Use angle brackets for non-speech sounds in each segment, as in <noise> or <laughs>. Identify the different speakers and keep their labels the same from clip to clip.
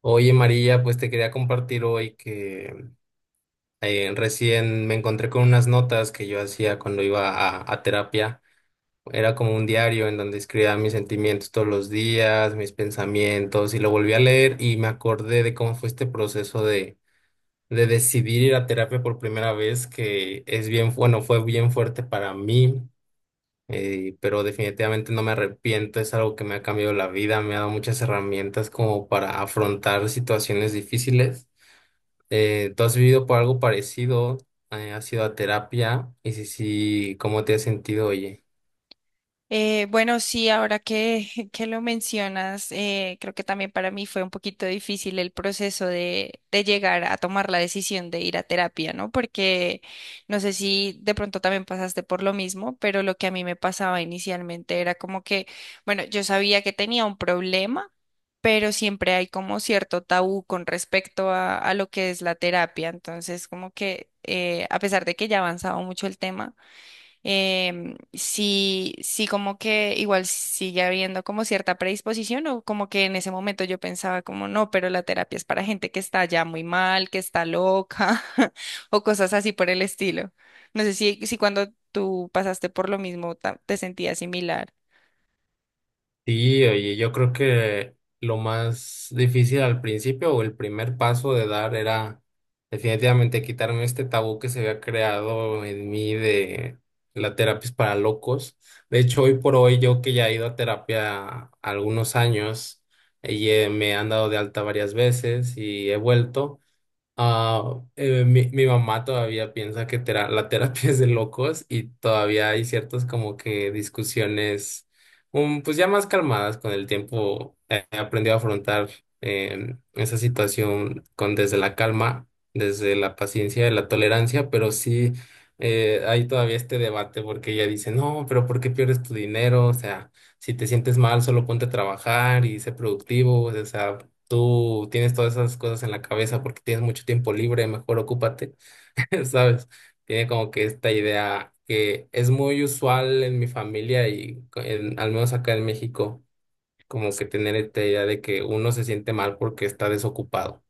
Speaker 1: Oye María, pues te quería compartir hoy que recién me encontré con unas notas que yo hacía cuando iba a terapia. Era como un diario en donde escribía mis sentimientos todos los días, mis pensamientos, y lo volví a leer y me acordé de cómo fue este proceso de decidir ir a terapia por primera vez, que es bien, bueno, fue bien fuerte para mí, pero definitivamente no me arrepiento, es algo que me ha cambiado la vida, me ha dado muchas herramientas como para afrontar situaciones difíciles. ¿Tú has vivido por algo parecido? ¿Has ido a terapia? Y si sí, ¿cómo te has sentido, oye?
Speaker 2: Bueno, sí, ahora que, <laughs> que lo mencionas, creo que también para mí fue un poquito difícil el proceso de llegar a tomar la decisión de ir a terapia, ¿no? Porque no sé si de pronto también pasaste por lo mismo, pero lo que a mí me pasaba inicialmente era como que, bueno, yo sabía que tenía un problema, pero siempre hay como cierto tabú con respecto a lo que es la terapia. Entonces, como que a pesar de que ya avanzaba mucho el tema, sí, si como que igual sigue habiendo como cierta predisposición o como que en ese momento yo pensaba como no, pero la terapia es para gente que está ya muy mal, que está loca <laughs> o cosas así por el estilo. No sé si cuando tú pasaste por lo mismo te sentías similar.
Speaker 1: Sí, oye, yo creo que lo más difícil al principio o el primer paso de dar era definitivamente quitarme este tabú que se había creado en mí de la terapia es para locos. De hecho, hoy por hoy, yo que ya he ido a terapia algunos años, me han dado de alta varias veces y he vuelto. Mi mamá todavía piensa que la terapia es de locos y todavía hay ciertas como que discusiones, pues ya más calmadas con el tiempo. He aprendido a afrontar esa situación con desde la calma, desde la paciencia y la tolerancia, pero sí hay todavía este debate porque ella dice, no, pero ¿por qué pierdes tu dinero? O sea, si te sientes mal, solo ponte a trabajar y sé productivo, o sea tú tienes todas esas cosas en la cabeza porque tienes mucho tiempo libre, mejor ocúpate, <laughs> ¿sabes? Tiene como que esta idea que es muy usual en mi familia y al menos acá en México, como que tener esta idea de que uno se siente mal porque está desocupado.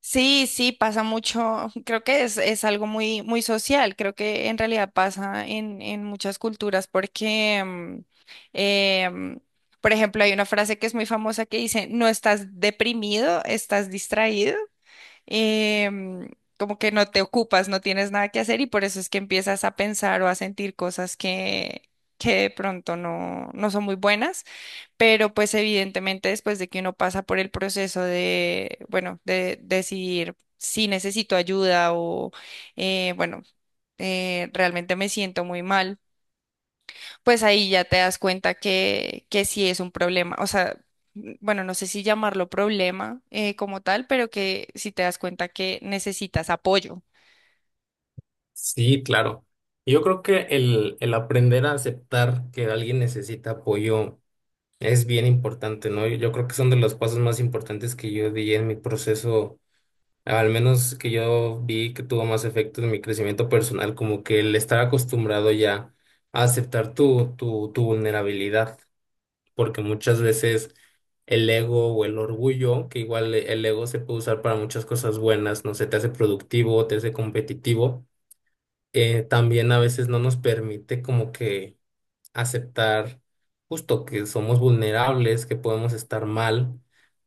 Speaker 2: Sí, sí, pasa mucho. <laughs> Creo que es algo muy social. Creo que en realidad pasa en muchas culturas porque, em, por ejemplo, hay una frase que es muy famosa que dice, no estás deprimido, estás distraído. Em, como que no te ocupas, no tienes nada que hacer y por eso es que empiezas a pensar o a sentir cosas que de pronto no, no son muy buenas. Pero pues evidentemente después de que uno pasa por el proceso de, bueno, de decidir si necesito ayuda o, eh, bueno, realmente me siento muy mal, pues ahí ya te das cuenta que sí es un problema. O sea, bueno, no sé si llamarlo problema como tal, pero que sí te das cuenta que necesitas apoyo.
Speaker 1: Sí, claro. Yo creo que el aprender a aceptar que alguien necesita apoyo es bien importante, ¿no? Yo creo que son de los pasos más importantes que yo di en mi proceso. Al menos que yo vi que tuvo más efecto en mi crecimiento personal, como que el estar acostumbrado ya a aceptar tu vulnerabilidad, porque muchas veces el ego o el orgullo, que igual el ego se puede usar para muchas cosas buenas, no sé, te hace productivo, te hace competitivo, también a veces no nos permite como que aceptar justo que somos vulnerables, que podemos estar mal,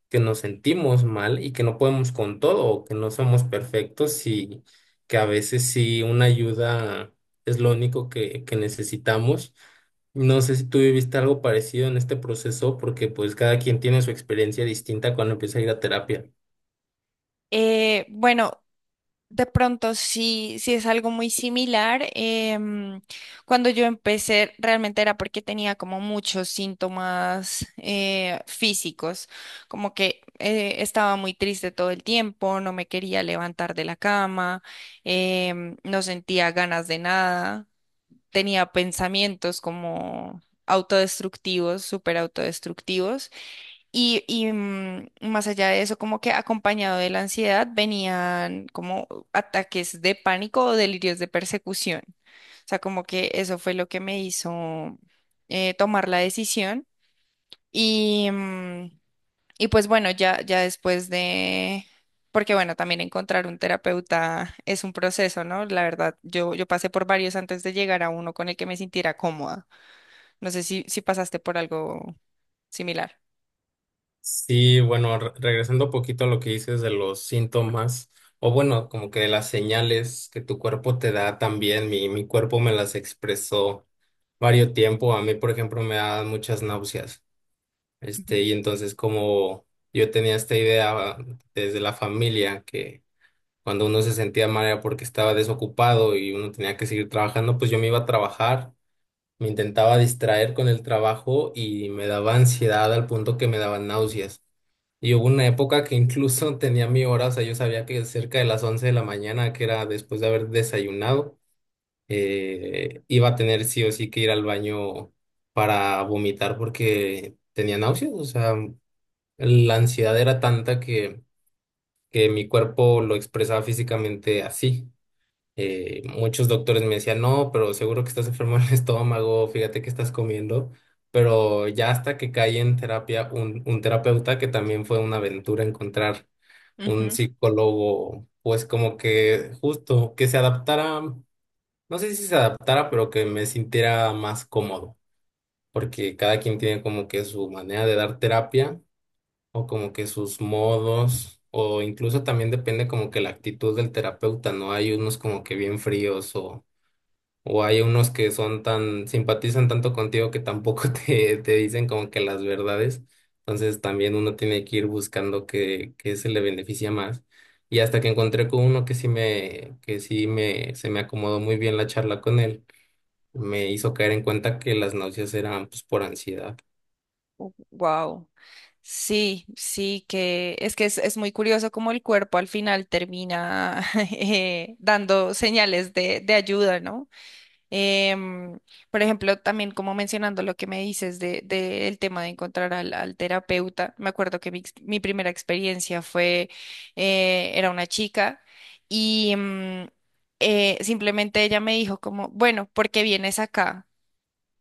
Speaker 1: que nos sentimos mal y que no podemos con todo, o que no somos perfectos y que a veces sí una ayuda es lo único que necesitamos. No sé si tú viviste algo parecido en este proceso, porque pues cada quien tiene su experiencia distinta cuando empieza a ir a terapia.
Speaker 2: Eh, bueno, De pronto, sí, sí es algo muy similar. Cuando yo empecé, realmente era porque tenía como muchos síntomas físicos, como que estaba muy triste todo el tiempo, no me quería levantar de la cama, no sentía ganas de nada, tenía pensamientos como autodestructivos, súper autodestructivos. Más allá de eso, como que acompañado de la ansiedad venían como ataques de pánico o delirios de persecución. O sea, como que eso fue lo que me hizo tomar la decisión. Y, mm, y pues bueno, ya después de, porque bueno, también encontrar un terapeuta es un proceso, ¿no? La verdad, yo pasé por varios antes de llegar a uno con el que me sintiera cómoda. No sé si pasaste por algo similar.
Speaker 1: Sí, bueno, regresando un poquito a lo que dices de los síntomas, o bueno, como que de las señales que tu cuerpo te da también, mi cuerpo me las expresó varios tiempo, a mí por ejemplo me dan muchas náuseas, este,
Speaker 2: Ujú.
Speaker 1: y entonces como yo tenía esta idea desde la familia que cuando uno se sentía mal era porque estaba desocupado y uno tenía que seguir trabajando, pues yo me iba a trabajar, me intentaba distraer con el trabajo y me daba ansiedad al punto que me daban náuseas. Y hubo una época que incluso <laughs> tenía mi hora, o sea, yo sabía que cerca de las 11 de la mañana, que era después de haber desayunado, iba a tener sí o sí que ir al baño para vomitar porque tenía náuseas. O sea, la ansiedad era tanta que mi cuerpo lo expresaba físicamente así. Muchos doctores me decían, no, pero seguro que estás enfermo en el <laughs> estómago, fíjate que estás comiendo. Pero ya hasta que caí en terapia, un terapeuta que también fue una aventura encontrar un
Speaker 2: Ujú.
Speaker 1: psicólogo, pues como que justo, que se adaptara, no sé si se adaptara, pero que me sintiera más cómodo, porque cada quien tiene como que su manera de dar terapia o como que sus modos, o incluso también depende como que la actitud del terapeuta, ¿no? Hay unos como que bien fríos o hay unos que son tan, simpatizan tanto contigo que tampoco <laughs> te dicen como que las verdades. Entonces también uno tiene que ir buscando que se le beneficia más. Y hasta que encontré con uno que sí me, se me acomodó muy bien la charla con él, me hizo caer en cuenta que las náuseas eran pues por ansiedad.
Speaker 2: Wow. Sí, sí, es muy curioso cómo el cuerpo al final termina <laughs> dando señales de ayuda, ¿no? Em, por ejemplo, también como mencionando lo que me dices de el tema de encontrar al terapeuta, me acuerdo que mi, mi primera experiencia fue, era una chica y simplemente ella me dijo como, bueno, ¿por qué vienes acá?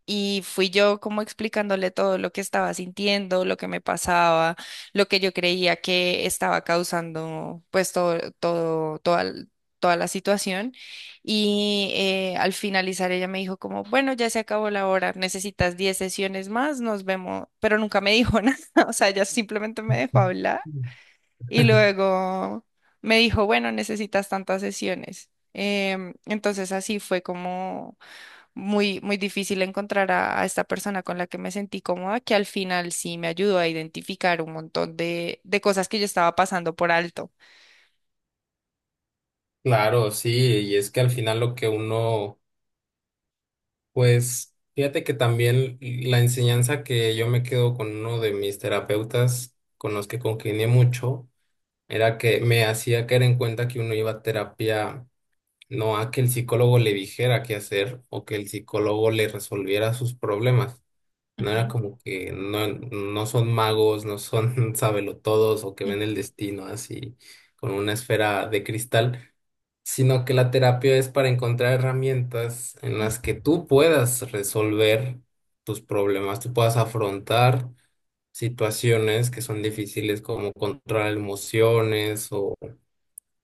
Speaker 2: Y fui yo como explicándole todo lo que estaba sintiendo, lo que me pasaba, lo que yo creía que estaba causando, pues toda, toda la situación. Y al finalizar ella me dijo como, bueno, ya se acabó la hora, necesitas 10 sesiones más, nos vemos. Pero nunca me dijo <laughs> nada, o sea, ella simplemente me dejó hablar
Speaker 1: Mm.
Speaker 2: y luego me dijo, bueno, necesitas tantas sesiones. Entonces así fue como muy difícil encontrar a esta persona con la que me sentí cómoda, que al final sí me ayudó a identificar un montón de cosas que yo estaba pasando por alto.
Speaker 1: Claro, sí, y es que al final lo que uno... Pues fíjate que también la enseñanza que yo me quedo con uno de mis terapeutas con los que congenié mucho era que me hacía caer en cuenta que uno iba a terapia no a que el psicólogo le dijera qué hacer o que el psicólogo le resolviera sus problemas. No era
Speaker 2: Ujú,
Speaker 1: como que no, no son magos, no son <laughs> sabelotodos o que ven
Speaker 2: ujú,
Speaker 1: el destino así con una esfera de cristal, sino que la terapia es para encontrar herramientas en
Speaker 2: ujú.
Speaker 1: las que tú puedas resolver tus problemas, tú puedas afrontar situaciones que son difíciles como controlar emociones o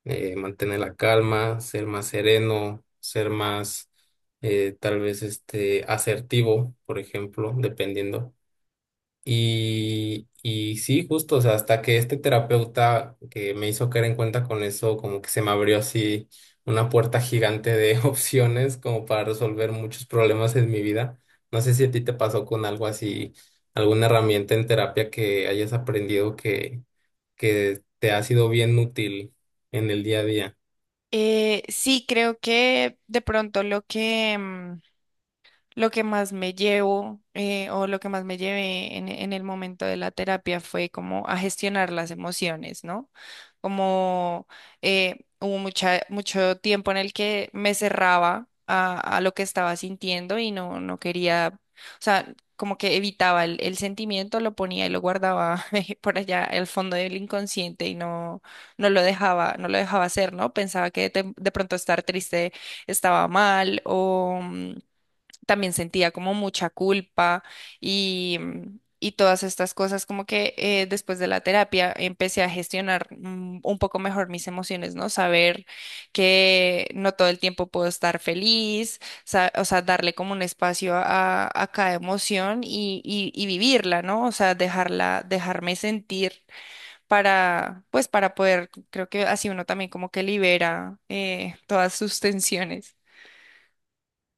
Speaker 1: mantener la calma, ser más sereno, ser más tal vez este asertivo, por ejemplo, dependiendo. Y sí, justo, o sea, hasta que este terapeuta que me hizo caer en cuenta con eso, como que se me abrió así una puerta gigante de <laughs> opciones como para resolver muchos problemas en mi vida. No sé si a ti te pasó con algo así, alguna herramienta en terapia que hayas aprendido que te ha sido bien útil en el día a día.
Speaker 2: Sí, creo que de pronto lo que más me llevo o lo que más me llevé en el momento de la terapia fue como a gestionar las emociones, ¿no? Como mucho tiempo en el que me cerraba a lo que estaba sintiendo y no, no quería, o sea, como que evitaba el sentimiento, lo ponía y lo guardaba <laughs> por allá al fondo del inconsciente y no, no lo dejaba hacer, ¿no? Pensaba que de pronto estar triste estaba mal o... también sentía como mucha culpa y, y todas estas cosas, como que después de la terapia empecé a gestionar un poco mejor mis emociones, ¿no? Saber que no todo el tiempo puedo estar feliz, o sea, darle como un espacio a cada emoción y vivirla, ¿no? O sea, dejarla, dejarme sentir para, pues, para poder, creo que así uno también como que libera todas sus tensiones.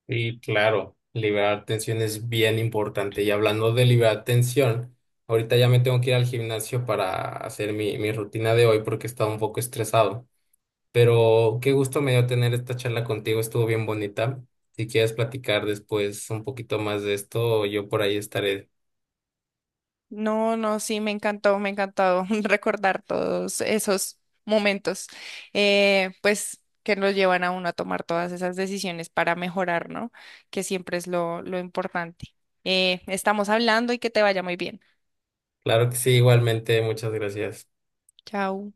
Speaker 1: Sí, claro, liberar tensión es bien importante. Y hablando de liberar tensión, ahorita ya me tengo que ir al gimnasio para hacer mi rutina de hoy porque estaba un poco estresado. Pero qué gusto me dio tener esta charla contigo, estuvo bien bonita. Si quieres platicar después un poquito más de esto, yo por ahí estaré.
Speaker 2: No, no, sí, me encantó <laughs> recordar todos esos momentos, pues que nos llevan a uno a tomar todas esas decisiones para mejorar, ¿no? Que siempre es lo importante. Estamos hablando y que te vaya muy bien.
Speaker 1: Claro que sí, igualmente, muchas gracias.
Speaker 2: Chao.